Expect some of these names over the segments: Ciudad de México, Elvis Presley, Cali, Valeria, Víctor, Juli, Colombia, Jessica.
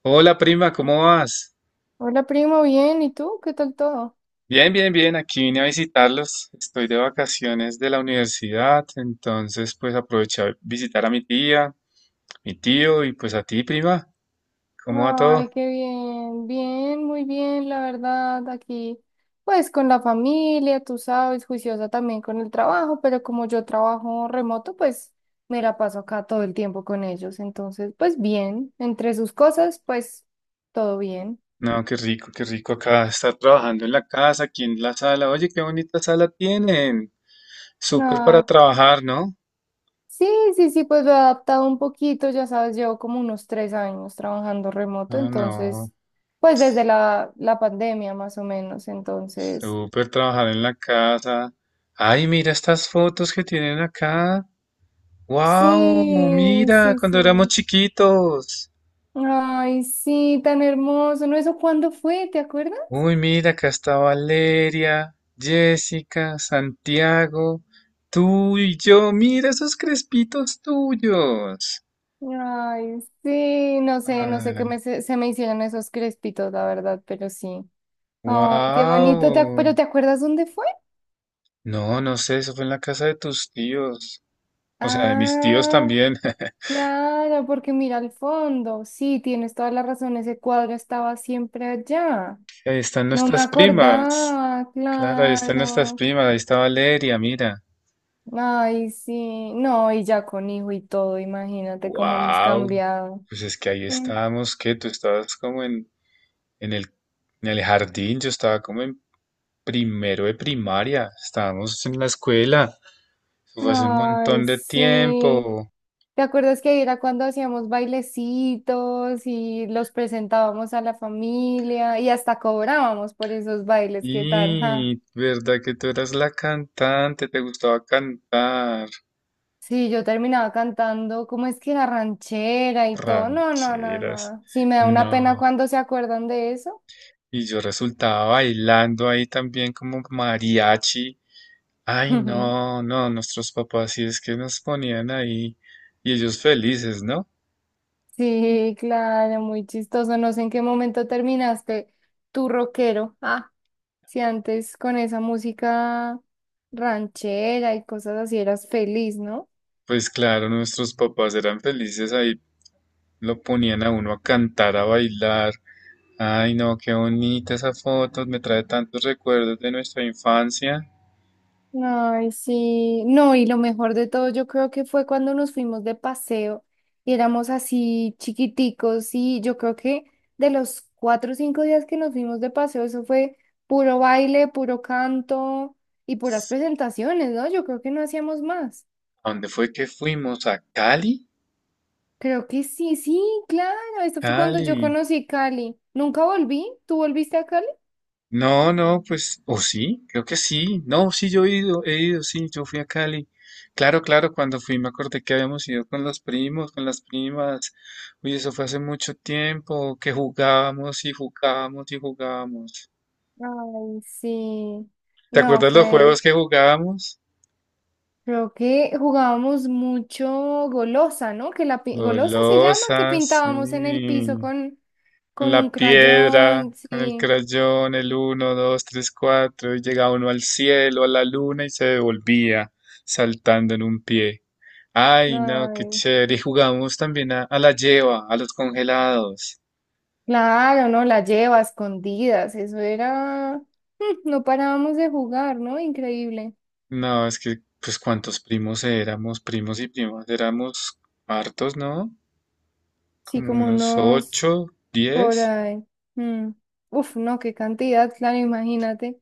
Hola prima, ¿cómo vas? Hola primo, bien, ¿y tú? ¿Qué tal todo? Bien, bien, bien, aquí vine a visitarlos. Estoy de vacaciones de la universidad, entonces pues aproveché a visitar a mi tía, mi tío y pues a ti, prima. ¿Cómo va todo? Ay, qué bien, bien, muy bien, la verdad, aquí, pues con la familia, tú sabes, juiciosa también con el trabajo, pero como yo trabajo remoto, pues me la paso acá todo el tiempo con ellos, entonces, pues bien, entre sus cosas, pues todo bien. No, qué rico acá estar trabajando en la casa, aquí en la sala. Oye, qué bonita sala tienen. Súper para Ah, trabajar, ¿no? sí, sí, sí, pues lo he adaptado un poquito, ya sabes, llevo como unos 3 años trabajando remoto, Ah, no, entonces. Pues desde la pandemia más o menos, entonces. súper trabajar en la casa. Ay, mira estas fotos que tienen acá. ¡Wow! Sí, Mira, sí, sí. cuando éramos chiquitos. Ay, sí, tan hermoso. ¿No? ¿Eso cuándo fue? ¿Te acuerdas? Uy, mira, acá está Valeria, Jessica, Santiago, tú y yo. Mira esos crespitos tuyos. Ay, sí, no sé qué Ay, me, se me hicieron esos crespitos, la verdad, pero sí. Ay, qué bonito. ¿Te ac- wow. ¿Pero te acuerdas dónde fue? No, no sé, eso fue en la casa de tus tíos. O sea, de mis tíos Ah, también. claro, porque mira al fondo. Sí, tienes toda la razón. Ese cuadro estaba siempre allá. Ahí están No me nuestras primas. acordaba, Claro, ahí están nuestras claro. primas. Ahí está Valeria, mira. Ay, sí, no, y ya con hijo y todo, imagínate cómo hemos Wow. cambiado. Pues es que ahí Mm. estábamos, que tú estabas como en el, en el jardín, yo estaba como en primero de primaria, estábamos en la escuela, eso fue hace un Ay, montón de sí. tiempo. ¿Te acuerdas que era cuando hacíamos bailecitos y los presentábamos a la familia y hasta cobrábamos por esos bailes? ¿Qué tal? ¿ja? Y ¿verdad que tú eras la cantante? ¿Te gustaba cantar? Sí, yo terminaba cantando, ¿cómo es que la ranchera y todo? No, no, no, Rancheras. no. Sí, me da una pena No. cuando se acuerdan de eso. Y yo resultaba bailando ahí también como mariachi. Ay, no, no, nuestros papás sí es que nos ponían ahí y ellos felices, ¿no? Sí, claro, muy chistoso. No sé en qué momento terminaste tu rockero. Ah, si antes con esa música ranchera y cosas así eras feliz, ¿no? Pues claro, nuestros papás eran felices ahí, lo ponían a uno a cantar, a bailar. Ay, no, qué bonita esa foto, me trae tantos recuerdos de nuestra infancia. Ay, sí. No, y lo mejor de todo, yo creo que fue cuando nos fuimos de paseo y éramos así chiquiticos y yo creo que de los 4 o 5 días que nos fuimos de paseo, eso fue puro baile, puro canto y puras presentaciones, ¿no? Yo creo que no hacíamos más. ¿A dónde fue que fuimos? ¿A Cali? Creo que sí, sí, claro. Esto fue cuando yo Cali. conocí Cali. ¿Nunca volví? ¿Tú volviste a Cali? No, no, pues, o sí, creo que sí. No, sí, yo he ido, sí, yo fui a Cali. Claro, claro, cuando fui me acordé que habíamos ido con los primos, con las primas. Uy, eso fue hace mucho tiempo, que jugábamos y jugábamos y jugábamos. Ay, sí. ¿Te No, acuerdas los fue. juegos que jugábamos? Creo que jugábamos mucho golosa, ¿no? Que la golosa se llama, que Golosas, pintábamos en el piso sí, con, con con un la piedra, crayón, con el sí. crayón, el uno, 2, 3, 4, y llegaba uno al cielo, a la luna y se devolvía saltando en un pie. Ay, no, qué Ay, chévere. Y jugamos también a, la lleva, a los congelados. claro, ¿no? La lleva a escondidas. Eso era. No parábamos de jugar, ¿no? Increíble. No, es que, pues, ¿cuántos primos éramos? Primos y primas, éramos hartos, ¿no? Sí, Como como unos unos. ocho, Por 10. ahí. Mm. Uf, no, qué cantidad, claro, imagínate.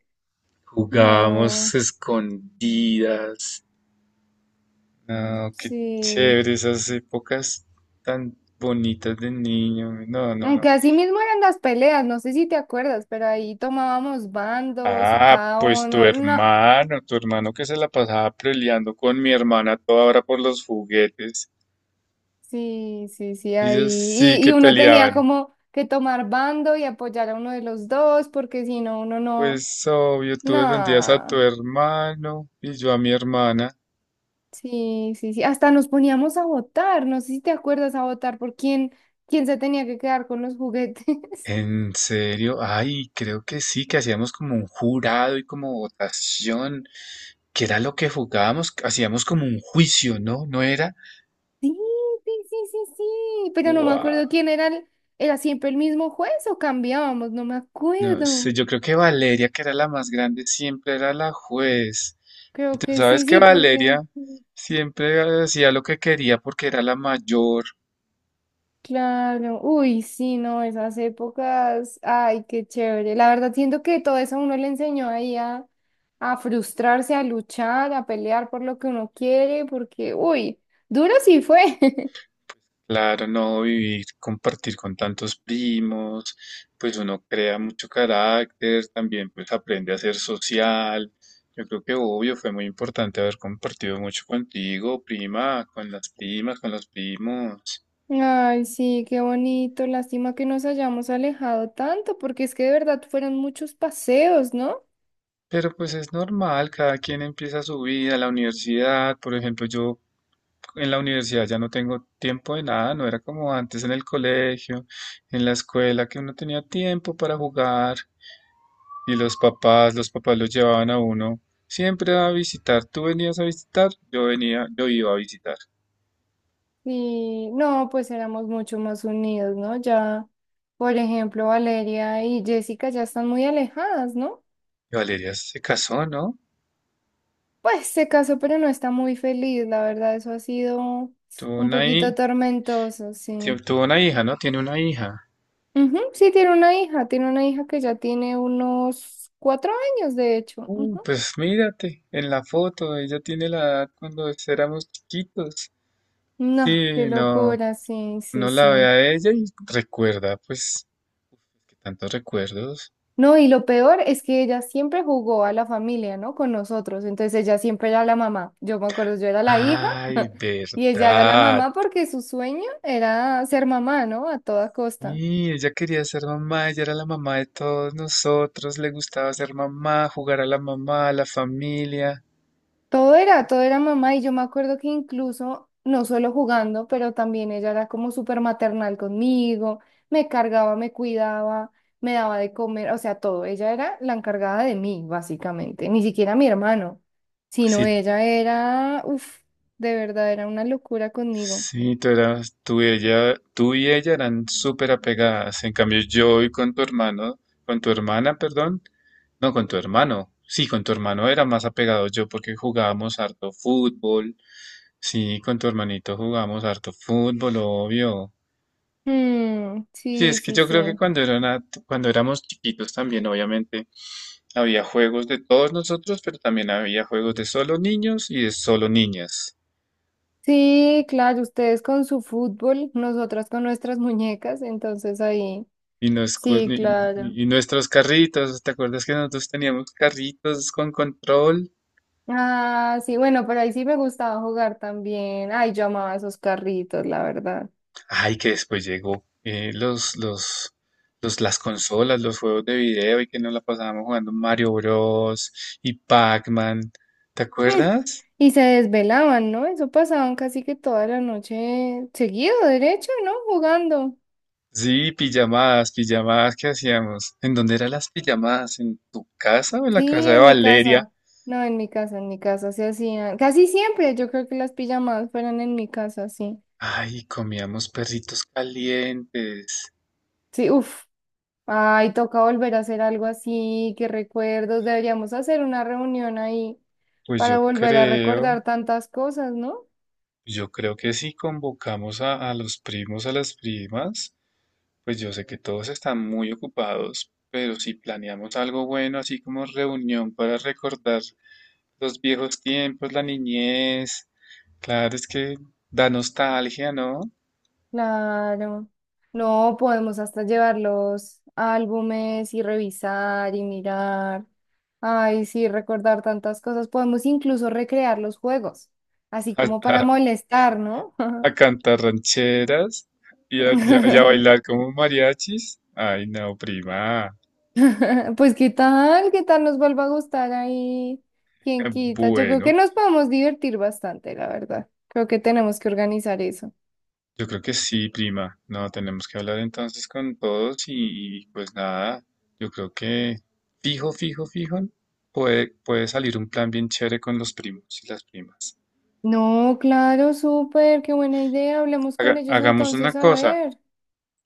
Jugábamos No, escondidas. No, qué sí. chévere, esas épocas tan bonitas de niño. No, no, no. Aunque así mismo eran las peleas, no sé si te acuerdas, pero ahí tomábamos bandos y Ah, cada pues tu uno, no, hermano, tu hermano que se la pasaba peleando con mi hermana a toda hora por los juguetes. sí, sí, sí, ahí. Ellos sí Y, que y uno tenía peleaban. como que tomar bando y apoyar a uno de los dos, porque si no, uno no, Pues obvio, tú defendías a tu no, hermano y yo a mi hermana. sí, sí, sí. Hasta nos poníamos a votar, no sé si te acuerdas a votar por quién se tenía que quedar con los juguetes. ¿En serio? Ay, creo que sí, que hacíamos como un jurado y como votación, que era lo que jugábamos, hacíamos como un juicio, ¿no? ¿No era? Sí, sí, sí, sí, sí, pero no me ¡Wow! acuerdo quién era siempre el mismo juez o cambiábamos, no me No sé, acuerdo. yo creo que Valeria, que era la más grande, siempre era la juez. Y Creo tú que sí, sabes que sí, porque Valeria siempre hacía lo que quería porque era la mayor. claro, uy, sí, no, esas épocas, ay, qué chévere. La verdad siento que todo eso a uno le enseñó ahí a frustrarse, a luchar, a pelear por lo que uno quiere, porque, uy, duro sí fue. Claro, no vivir, compartir con tantos primos, pues uno crea mucho carácter, también pues aprende a ser social. Yo creo que obvio fue muy importante haber compartido mucho contigo, prima, con las primas, con los primos. Ay, sí, qué bonito. Lástima que nos hayamos alejado tanto, porque es que de verdad fueron muchos paseos, ¿no? Pero pues es normal, cada quien empieza su vida, la universidad, por ejemplo, yo en la universidad ya no tengo tiempo de nada, no era como antes en el colegio, en la escuela, que uno tenía tiempo para jugar y los papás los llevaban a uno siempre a visitar, tú venías a visitar, yo venía, yo iba a visitar. Y no, pues éramos mucho más unidos, ¿no? Ya, por ejemplo, Valeria y Jessica ya están muy alejadas, ¿no? Y Valeria se casó, ¿no? Pues se casó, pero no está muy feliz, la verdad, eso ha sido Tuvo un una, poquito hi- tormentoso, sí. Tuvo una hija, ¿no? Tiene una hija. Ujú, sí, tiene una hija que ya tiene unos 4 años, de hecho. Ujú. Pues mírate, en la foto, ella tiene la edad cuando éramos chiquitos. No, qué Sí, no, locura, sí, sí, no la ve sí. a ella y recuerda, pues, que tantos recuerdos. No, y lo peor es que ella siempre jugó a la familia, ¿no? Con nosotros, entonces ella siempre era la mamá. Yo me acuerdo, yo era la hija. Ay, Y ella era la verdad. mamá porque su sueño era ser mamá, ¿no? A toda costa. Y ella quería ser mamá, ella era la mamá de todos nosotros, le gustaba ser mamá, jugar a la mamá, a la familia. Todo era mamá y yo me acuerdo que incluso, no solo jugando, pero también ella era como súper maternal conmigo, me cargaba, me cuidaba, me daba de comer, o sea, todo. Ella era la encargada de mí, básicamente, ni siquiera mi hermano, sino Sí, ella era, uff, de verdad, era una locura conmigo. sí, tú y ella eran súper apegadas. En cambio, yo y con tu hermano, con tu hermana, perdón, no, con tu hermano. Sí, con tu hermano era más apegado yo porque jugábamos harto fútbol. Sí, con tu hermanito jugábamos harto fútbol, obvio. Mm, Sí, sí, es que sí, yo sí. creo que cuando éramos chiquitos también, obviamente, había juegos de todos nosotros, pero también había juegos de solo niños y de solo niñas. Sí, claro, ustedes con su fútbol, nosotras con nuestras muñecas, entonces ahí, Y, nos cos- sí, claro. Y nuestros carritos, ¿te acuerdas que nosotros teníamos carritos con control? Ah, sí, bueno, por ahí sí me gustaba jugar también. Ay, yo amaba esos carritos, la verdad. Ay, que después llegó las consolas, los juegos de video y que nos la pasábamos jugando Mario Bros. Y Pac-Man. ¿Te Mm, acuerdas? Y se desvelaban, ¿no? Eso pasaban casi que toda la noche seguido, derecho, ¿no? Jugando. Sí, pijamadas que hacíamos. ¿En dónde eran las pijamadas? ¿En tu casa o en la Sí, casa de en mi Valeria? casa. No, en mi casa se hacían. Casi siempre, yo creo que las pijamadas fueran en mi casa, sí. Ay, comíamos perritos calientes. Sí, uff. Ay, toca volver a hacer algo así, qué recuerdos. Deberíamos hacer una reunión ahí Pues para yo volver a creo. recordar tantas cosas, ¿no? Yo creo que si convocamos a los primos, a las primas, pues yo sé que todos están muy ocupados, pero si planeamos algo bueno, así como reunión para recordar los viejos tiempos, la niñez, claro, es que da nostalgia, ¿no? Claro. No, podemos hasta llevar los álbumes y revisar y mirar. Ay, sí, recordar tantas cosas. Podemos incluso recrear los juegos, así A, como para a- molestar, ¿no? a cantar rancheras y a bailar como mariachis. Ay, no, prima. Pues qué tal nos vuelva a gustar ahí, quién quita. Yo creo que Bueno. nos podemos divertir bastante, la verdad. Creo que tenemos que organizar eso. Yo creo que sí, prima. No, tenemos que hablar entonces con todos y, pues nada, yo creo que fijo, puede salir un plan bien chévere con los primos y las primas. No, claro, súper, qué buena idea. Hablemos con Haga- ellos hagamos una entonces, a cosa, ver.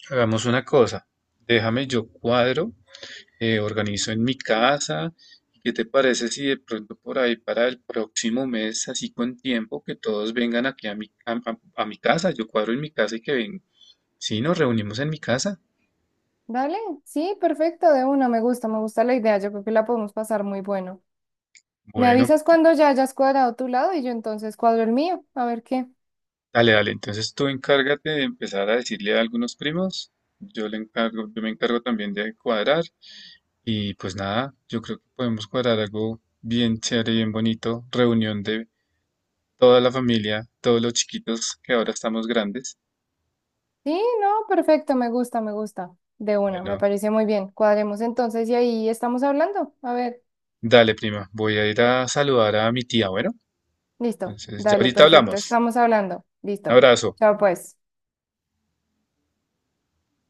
Hagamos una cosa. Déjame yo cuadro, organizo en mi casa. ¿Qué te parece si de pronto por ahí para el próximo mes, así con tiempo, que todos vengan aquí a mi casa? Yo cuadro en mi casa y que vengan. Sí, nos reunimos en mi casa. Dale, sí, perfecto, de una, me gusta la idea. Yo creo que la podemos pasar muy bueno. Me Bueno, avisas cuando ya hayas cuadrado tu lado y yo entonces cuadro el mío, a ver qué. dale, dale. Entonces tú encárgate de empezar a decirle a algunos primos. Yo me encargo también de cuadrar. Y pues nada, yo creo que podemos cuadrar algo bien chévere, bien bonito. Reunión de toda la familia, todos los chiquitos que ahora estamos grandes. Sí, no, perfecto, me gusta, me gusta. De una, me Bueno, parece muy bien. Cuadremos entonces y ahí estamos hablando. A ver. dale, prima. Voy a ir a saludar a mi tía. Bueno, Listo, entonces ya dale, ahorita perfecto, hablamos. estamos hablando. Un Listo. abrazo. Chao pues.